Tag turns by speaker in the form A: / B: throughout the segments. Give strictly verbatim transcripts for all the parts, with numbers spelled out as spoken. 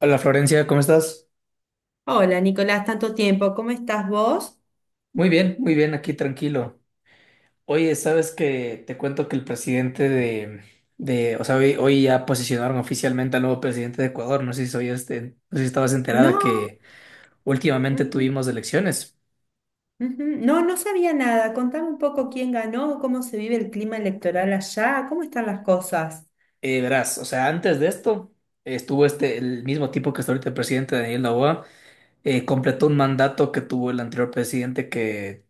A: Hola Florencia, ¿cómo estás?
B: Hola, Nicolás, tanto tiempo. ¿Cómo estás vos?
A: Muy bien, muy bien, aquí tranquilo. Oye, sabes que te cuento que el presidente de, de, o sea, hoy, hoy ya posicionaron oficialmente al nuevo presidente de Ecuador. No sé si soy este, no sé si estabas enterada
B: No,
A: que últimamente
B: ujú,
A: tuvimos elecciones.
B: ujú. No, no sabía nada. Contame un poco quién ganó, cómo se vive el clima electoral allá, cómo están las cosas.
A: Eh, verás, o sea, antes de esto eh, estuvo este, el mismo tipo que está ahorita, el presidente Daniel Noboa, eh, completó un mandato que tuvo el anterior presidente, que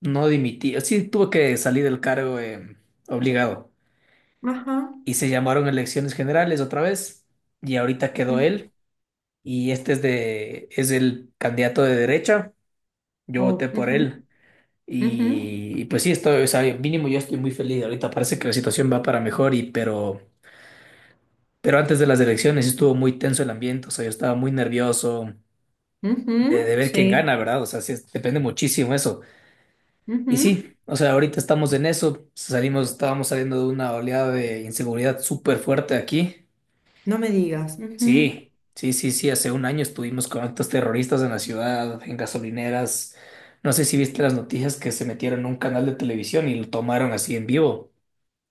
A: no dimitía, sí tuvo que salir del cargo eh, obligado.
B: Ajá,
A: Y se llamaron elecciones generales otra vez y ahorita quedó
B: ujú,
A: él, y este es de es el candidato de derecha. Yo voté
B: oh,
A: por
B: ujú,
A: él,
B: ujú,
A: y, y pues sí estoy, o sea, mínimo yo estoy muy feliz. Ahorita parece que la situación va para mejor y pero pero antes de las elecciones
B: ujú,
A: estuvo muy tenso el ambiente, o sea, yo estaba muy nervioso de, de
B: ujú,
A: ver quién
B: sí,
A: gana, ¿verdad? O sea, sí es- depende muchísimo eso. Y sí,
B: ujú.
A: o sea, ahorita estamos en eso, salimos, estábamos saliendo de una oleada de inseguridad súper fuerte aquí.
B: No me digas. Ujú.
A: Sí, sí, sí, sí. Hace un año estuvimos con actos terroristas en la ciudad, en gasolineras. No sé si viste las noticias, que se metieron en un canal de televisión y lo tomaron así en vivo.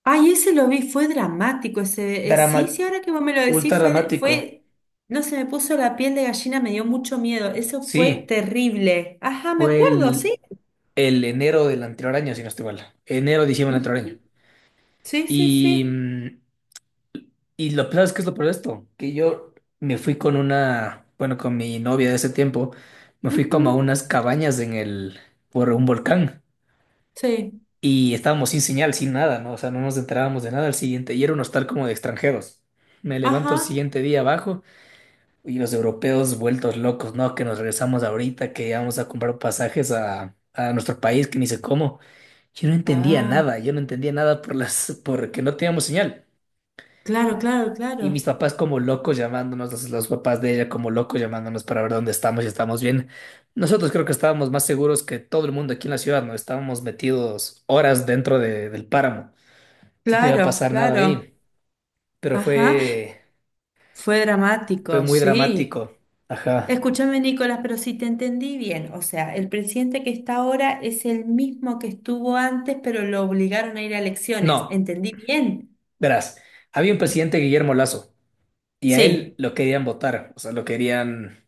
B: Ay, ese lo vi, fue dramático. Ese, eh, sí, sí,
A: Drama,
B: ahora que vos me lo
A: ultra
B: decís, fue,
A: dramático.
B: fue, no se me puso la piel de gallina, me dio mucho miedo. Eso fue
A: Sí,
B: terrible. Ajá, me
A: fue
B: acuerdo,
A: el,
B: sí.
A: el enero del anterior año, si no estoy mal. Enero, diciembre del anterior año.
B: Sí, sí,
A: Y,
B: sí.
A: mm, y lo peor es que es lo peor de esto, que yo me fui con una, bueno, con mi novia de ese tiempo, me fui como a
B: Ujú,
A: unas cabañas en el, por un volcán.
B: sí.
A: Y estábamos sin señal, sin nada, ¿no? O sea, no nos enterábamos de nada al siguiente. Y era un hostal como de extranjeros. Me levanto el
B: Ajá.
A: siguiente día abajo y los europeos vueltos locos, ¿no? Que nos regresamos ahorita, que vamos a comprar pasajes a, a nuestro país, que ni sé cómo. Yo no entendía
B: Ah,
A: nada, yo no entendía nada por las, porque no teníamos señal.
B: claro, claro,
A: Y
B: claro.
A: mis papás como locos llamándonos, los, los papás de ella como locos llamándonos para ver dónde estamos y estamos bien. Nosotros creo que estábamos más seguros que todo el mundo aquí en la ciudad, ¿no? Estábamos metidos horas dentro de- del páramo. Entonces no iba a
B: Claro,
A: pasar nada
B: claro.
A: ahí, pero
B: Ajá.
A: fue,
B: Fue
A: fue
B: dramático,
A: muy
B: sí.
A: dramático. Ajá.
B: Escúchame, Nicolás, pero si te entendí bien, o sea, el presidente que está ahora es el mismo que estuvo antes, pero lo obligaron a ir a elecciones.
A: No,
B: ¿Entendí bien?
A: verás, había un presidente Guillermo Lazo y a él
B: Sí.
A: lo querían votar, o sea, lo querían,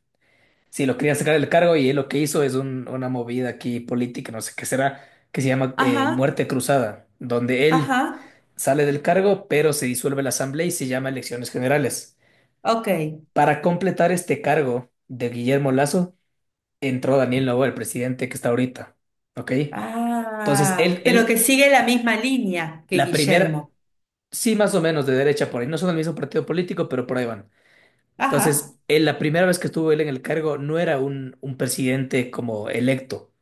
A: sí, lo querían sacar del cargo, y él lo que hizo es un- una movida aquí política, no sé qué será, que se llama eh,
B: Ajá,
A: muerte cruzada, donde él
B: ajá.
A: sale del cargo, pero se disuelve la asamblea y se llama elecciones generales.
B: Ok.
A: Para completar este cargo de Guillermo Lazo, entró Daniel Noboa, el presidente que está ahorita, ¿ok? Entonces,
B: Ah, ok,
A: él,
B: pero que
A: él,
B: sigue la misma línea que
A: la primera,
B: Guillermo.
A: sí, más o menos de derecha por ahí, no son del mismo partido político, pero por ahí van.
B: Ajá,
A: Entonces, él, la primera vez que estuvo él en el cargo, no era un, un presidente como electo.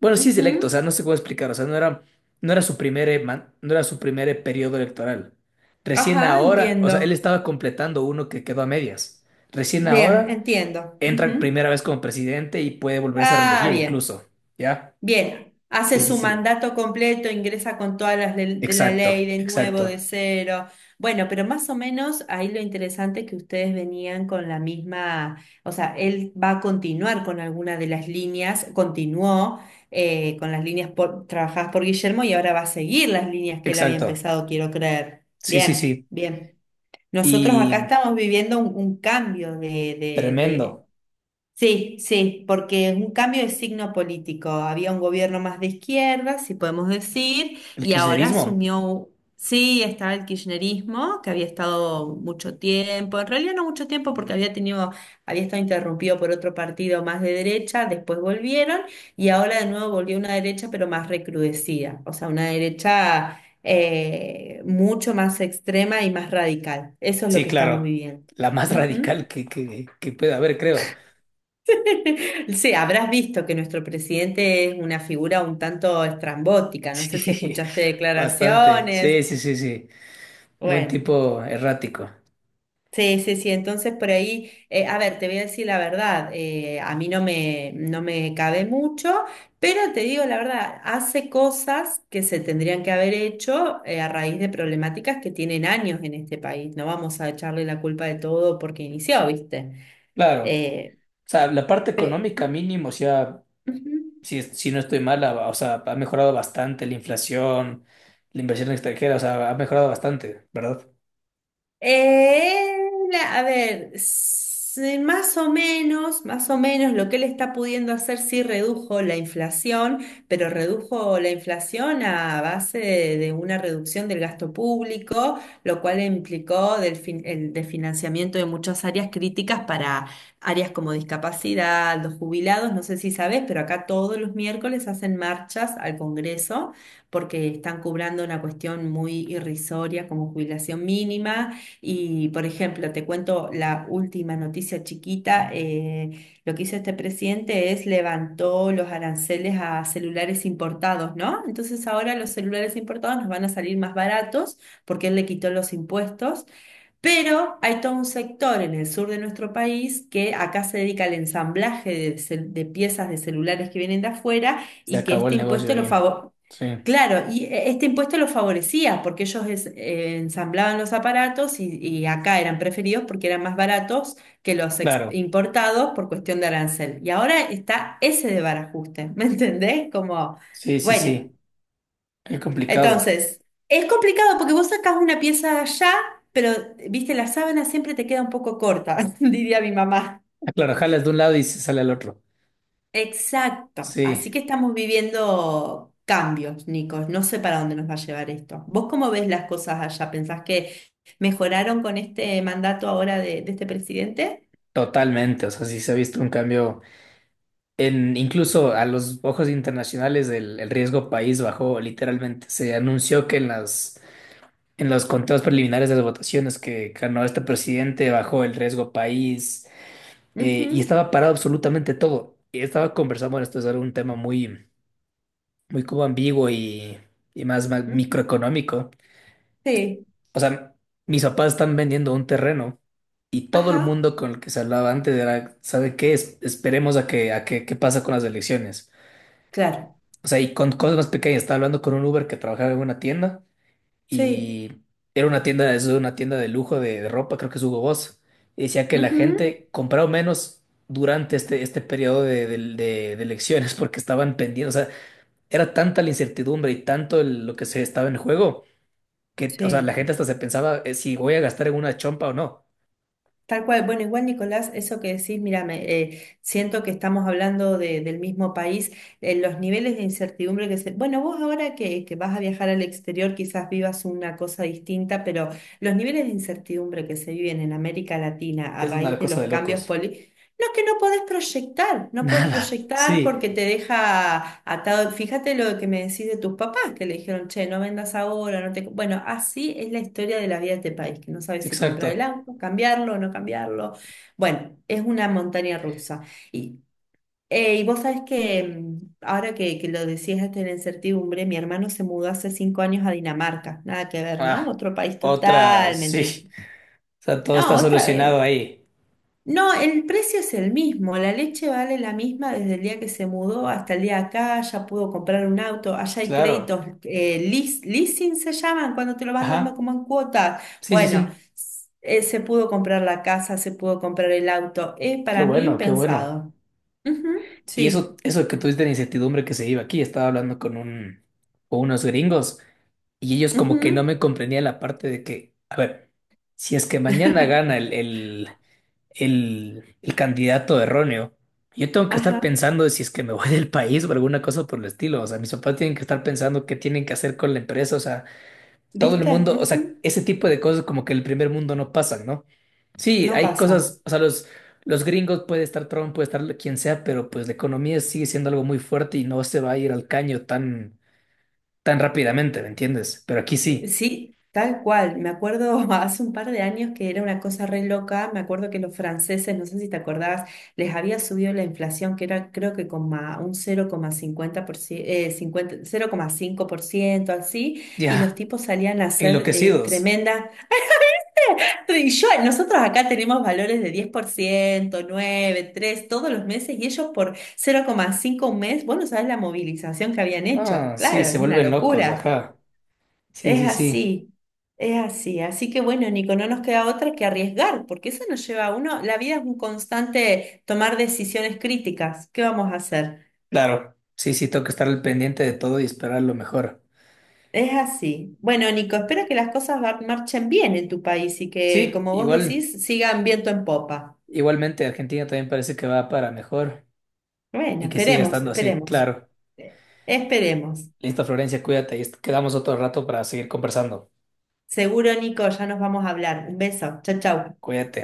A: Bueno, sí es electo, o
B: ujú,
A: sea, no sé cómo explicar, o sea, no era, no era su primer, eh, man- no era su primer eh, periodo electoral. Recién
B: ajá,
A: ahora, o sea, él
B: entiendo.
A: estaba completando uno que quedó a medias. Recién
B: Bien,
A: ahora
B: entiendo.
A: entra
B: Ujú.
A: primera vez como presidente y puede volverse a
B: Ah,
A: reelegir
B: bien,
A: incluso, ¿ya?
B: bien. Hace
A: Sí, sí,
B: su
A: sí.
B: mandato completo, ingresa con todas las le- de la ley
A: Exacto,
B: de nuevo, de
A: exacto,
B: cero. Bueno, pero más o menos ahí lo interesante es que ustedes venían con la misma, o sea, él va a continuar con alguna de las líneas, continuó eh, con las líneas por- trabajadas por Guillermo y ahora va a seguir las líneas que él había
A: exacto.
B: empezado, quiero creer.
A: Sí, sí,
B: Bien,
A: sí.
B: bien. Nosotros acá
A: Y
B: estamos viviendo un, un cambio de, de,
A: tremendo.
B: Sí, sí, porque es un cambio de signo político. Había un gobierno más de izquierda, si podemos decir,
A: El
B: y ahora
A: kirchnerismo.
B: asumió, sí, estaba el kirchnerismo, que había estado mucho tiempo, en realidad no mucho tiempo porque había tenido, había estado interrumpido por otro partido más de derecha, después volvieron, y ahora de nuevo volvió una derecha, pero más recrudecida, o sea, una derecha eh, mucho más extrema y más radical. Eso es lo
A: Sí,
B: que estamos
A: claro.
B: viviendo.
A: La más radical que, que, que pueda haber, creo.
B: Sí, habrás visto que nuestro presidente es una figura un tanto estrambótica. No sé si
A: Sí,
B: escuchaste
A: bastante.
B: declaraciones.
A: Sí, sí, sí, sí. Buen
B: Bueno,
A: tipo errático.
B: sí, sí, sí. Entonces por ahí, eh, a ver, te voy a decir la verdad. eh, a mí no me, no me cabe mucho, pero te digo la verdad, hace cosas que se tendrían que haber hecho eh, a raíz de problemáticas que tienen años en este país. No vamos a echarle la culpa de todo porque inició, ¿viste?
A: Claro.
B: Eh,
A: O sea, la parte
B: pe-
A: económica mínimo, o sea,
B: Ujú.
A: si, si no estoy mal, ha- o sea, ha mejorado bastante la inflación, la inversión extranjera, o sea, ha mejorado bastante, ¿verdad?
B: Eh, la- a ver, s- más o menos, más o menos lo que él está pudiendo hacer sí redujo la inflación, pero redujo la inflación a base de, de una reducción del gasto público, lo cual implicó del fin- el desfinanciamiento de muchas áreas críticas para áreas como discapacidad, los jubilados, no sé si sabes, pero acá todos los miércoles hacen marchas al Congreso porque están cobrando una cuestión muy irrisoria como jubilación mínima y, por ejemplo, te cuento la última noticia chiquita. eh, lo que hizo este presidente es levantó los aranceles a celulares importados, ¿no? Entonces ahora los celulares importados nos van a salir más baratos porque él le quitó los impuestos. Pero hay todo un sector en el sur de nuestro país que acá se dedica al ensamblaje de, cel- de piezas de celulares que vienen de afuera
A: Se
B: y que
A: acabó el
B: este
A: negocio
B: impuesto lo
A: ahí.
B: favorece.
A: Sí,
B: Claro, y e- este impuesto los favorecía porque ellos es- eh, ensamblaban los aparatos y, y acá eran preferidos porque eran más baratos que los ex-
A: claro.
B: importados por cuestión de arancel. Y ahora está ese desbarajuste, ¿me entendés? Como,
A: Sí, sí,
B: bueno,
A: sí. Qué complicado.
B: entonces, es complicado porque vos sacás una pieza allá, pero, viste, la sábana siempre te queda un poco corta, diría mi mamá.
A: Claro, jalas de un lado y se sale al otro.
B: Exacto. Así
A: Sí,
B: que estamos viviendo cambios, Nicos. No sé para dónde nos va a llevar esto. ¿Vos cómo ves las cosas allá? ¿Pensás que mejoraron con este mandato ahora de, de este presidente?
A: totalmente. O sea, sí se ha visto un cambio en, incluso a los ojos internacionales, el, el riesgo país bajó literalmente. Se anunció que en las en los conteos preliminares de las votaciones que ganó este presidente bajó el riesgo país, eh, y
B: Ujú,
A: estaba parado absolutamente todo. Y estaba conversando, bueno, esto es algo- un tema muy muy como ambiguo y, y más, más
B: ujú.
A: microeconómico.
B: Sí.
A: O sea, mis papás están vendiendo un terreno y todo el
B: Ajá.
A: mundo con el que se hablaba antes era, ¿sabe qué? Es- esperemos a que, a que, qué pasa con las elecciones.
B: Claro.
A: O sea, y con cosas más pequeñas. Estaba hablando con un Uber que trabajaba en una tienda
B: Sí.
A: y era una tienda, es una tienda de lujo de, de ropa, creo que es Hugo Boss. Y decía que la
B: Ujú.
A: gente compraba menos durante este, este periodo de, de, de- de elecciones porque estaban pendientes. O sea, era tanta la incertidumbre y tanto el- lo que se estaba en juego que, o sea, la
B: Sí.
A: gente hasta se pensaba eh, si voy a gastar en una chompa o no.
B: Tal cual. Bueno, igual Nicolás, eso que decís, mira, me, eh, siento que estamos hablando de- del mismo país, eh, los niveles de incertidumbre que se... Bueno, vos ahora que, que vas a viajar al exterior quizás vivas una cosa distinta, pero los niveles de incertidumbre que se viven en América Latina a
A: Es una
B: raíz de
A: cosa
B: los
A: de
B: cambios
A: locos.
B: no, es que no podés proyectar, no podés
A: Nada,
B: proyectar
A: sí,
B: porque te deja atado. Fíjate lo que me decís de tus papás, que le dijeron, che, no vendas ahora, no te... co-". Bueno, así es la historia de la vida de este país, que no sabes si comprar el
A: exacto.
B: auto, cambiarlo, no cambiarlo. Bueno, es una montaña rusa. Y, eh, y vos sabés que mm, ahora que, que lo decías hasta en la incertidumbre, mi hermano se mudó hace cinco años a Dinamarca, nada que ver, ¿no?
A: Ah,
B: Otro país
A: otra,
B: totalmente.
A: sí. O sea, todo
B: No,
A: está
B: otra.
A: solucionado
B: eh,
A: ahí.
B: no, el precio es el mismo, la leche vale la misma desde el día que se mudó hasta el día acá, ya pudo comprar un auto, allá hay
A: Claro.
B: créditos, eh, leas- leasing se llaman, cuando te lo van dando
A: Ajá.
B: como en cuotas.
A: Sí, sí,
B: Bueno,
A: sí.
B: s- eh, se pudo comprar la casa, se pudo comprar el auto, es
A: Qué
B: para mí
A: bueno, qué bueno.
B: pensado. Ujú,
A: Y eso,
B: sí,
A: eso que tuviste la incertidumbre que se iba aquí, estaba hablando con un, con unos gringos, y ellos como que no
B: ujú,
A: me comprendían la parte de que, a ver, si es que mañana gana el, el el, el candidato erróneo. Yo tengo que estar
B: ajá,
A: pensando si es que me voy del país o alguna cosa por el estilo. O sea, mis papás tienen que estar pensando qué tienen que hacer con la empresa. O sea, todo el
B: ¿viste?
A: mundo, o sea,
B: Ujú,
A: ese tipo de cosas como que en el primer mundo no pasan, ¿no? Sí,
B: no
A: hay
B: pasa.
A: cosas, o sea, los, los gringos, puede estar Trump, puede estar quien sea, pero pues la economía sigue siendo algo muy fuerte y no se va a ir al caño tan, tan rápidamente, ¿me entiendes? Pero aquí sí,
B: Sí, tal cual. Me acuerdo hace un par de años que era una cosa re loca. Me acuerdo que los franceses, no sé si te acordabas, les había subido la inflación, que era creo que con a un cero coma cincuenta por ciento, eh, cincuenta cero coma cinco por ciento, así, y los
A: ya,
B: tipos salían a hacer eh,
A: enloquecidos.
B: tremenda. Y yo, nosotros acá tenemos valores de diez por ciento, nueve, tres, todos los meses, y ellos por cero coma cinco un mes, vos no sabés la movilización que habían hecho.
A: Ah, sí,
B: Claro,
A: se
B: una
A: vuelven locos,
B: locura.
A: ajá. Sí,
B: Es
A: sí, sí.
B: así, es así. Así que bueno, Nico, no nos queda otra que arriesgar, porque eso nos lleva a uno, la vida es un constante tomar decisiones críticas. ¿Qué vamos a hacer?
A: Claro, sí, sí, tengo que estar al pendiente de todo y esperar lo mejor.
B: Es así. Bueno, Nico, espero que las cosas va- marchen bien en tu país y que,
A: Sí,
B: como vos
A: igual,
B: decís, sigan viento en popa.
A: igualmente Argentina también parece que va para mejor
B: Bueno,
A: y que siga
B: esperemos,
A: estando así,
B: esperemos.
A: claro.
B: Eh, Esperemos.
A: Listo, Florencia, cuídate y est- quedamos otro rato para seguir conversando.
B: Seguro, Nico, ya nos vamos a hablar. Un beso. Chau, chau.
A: Cuídate.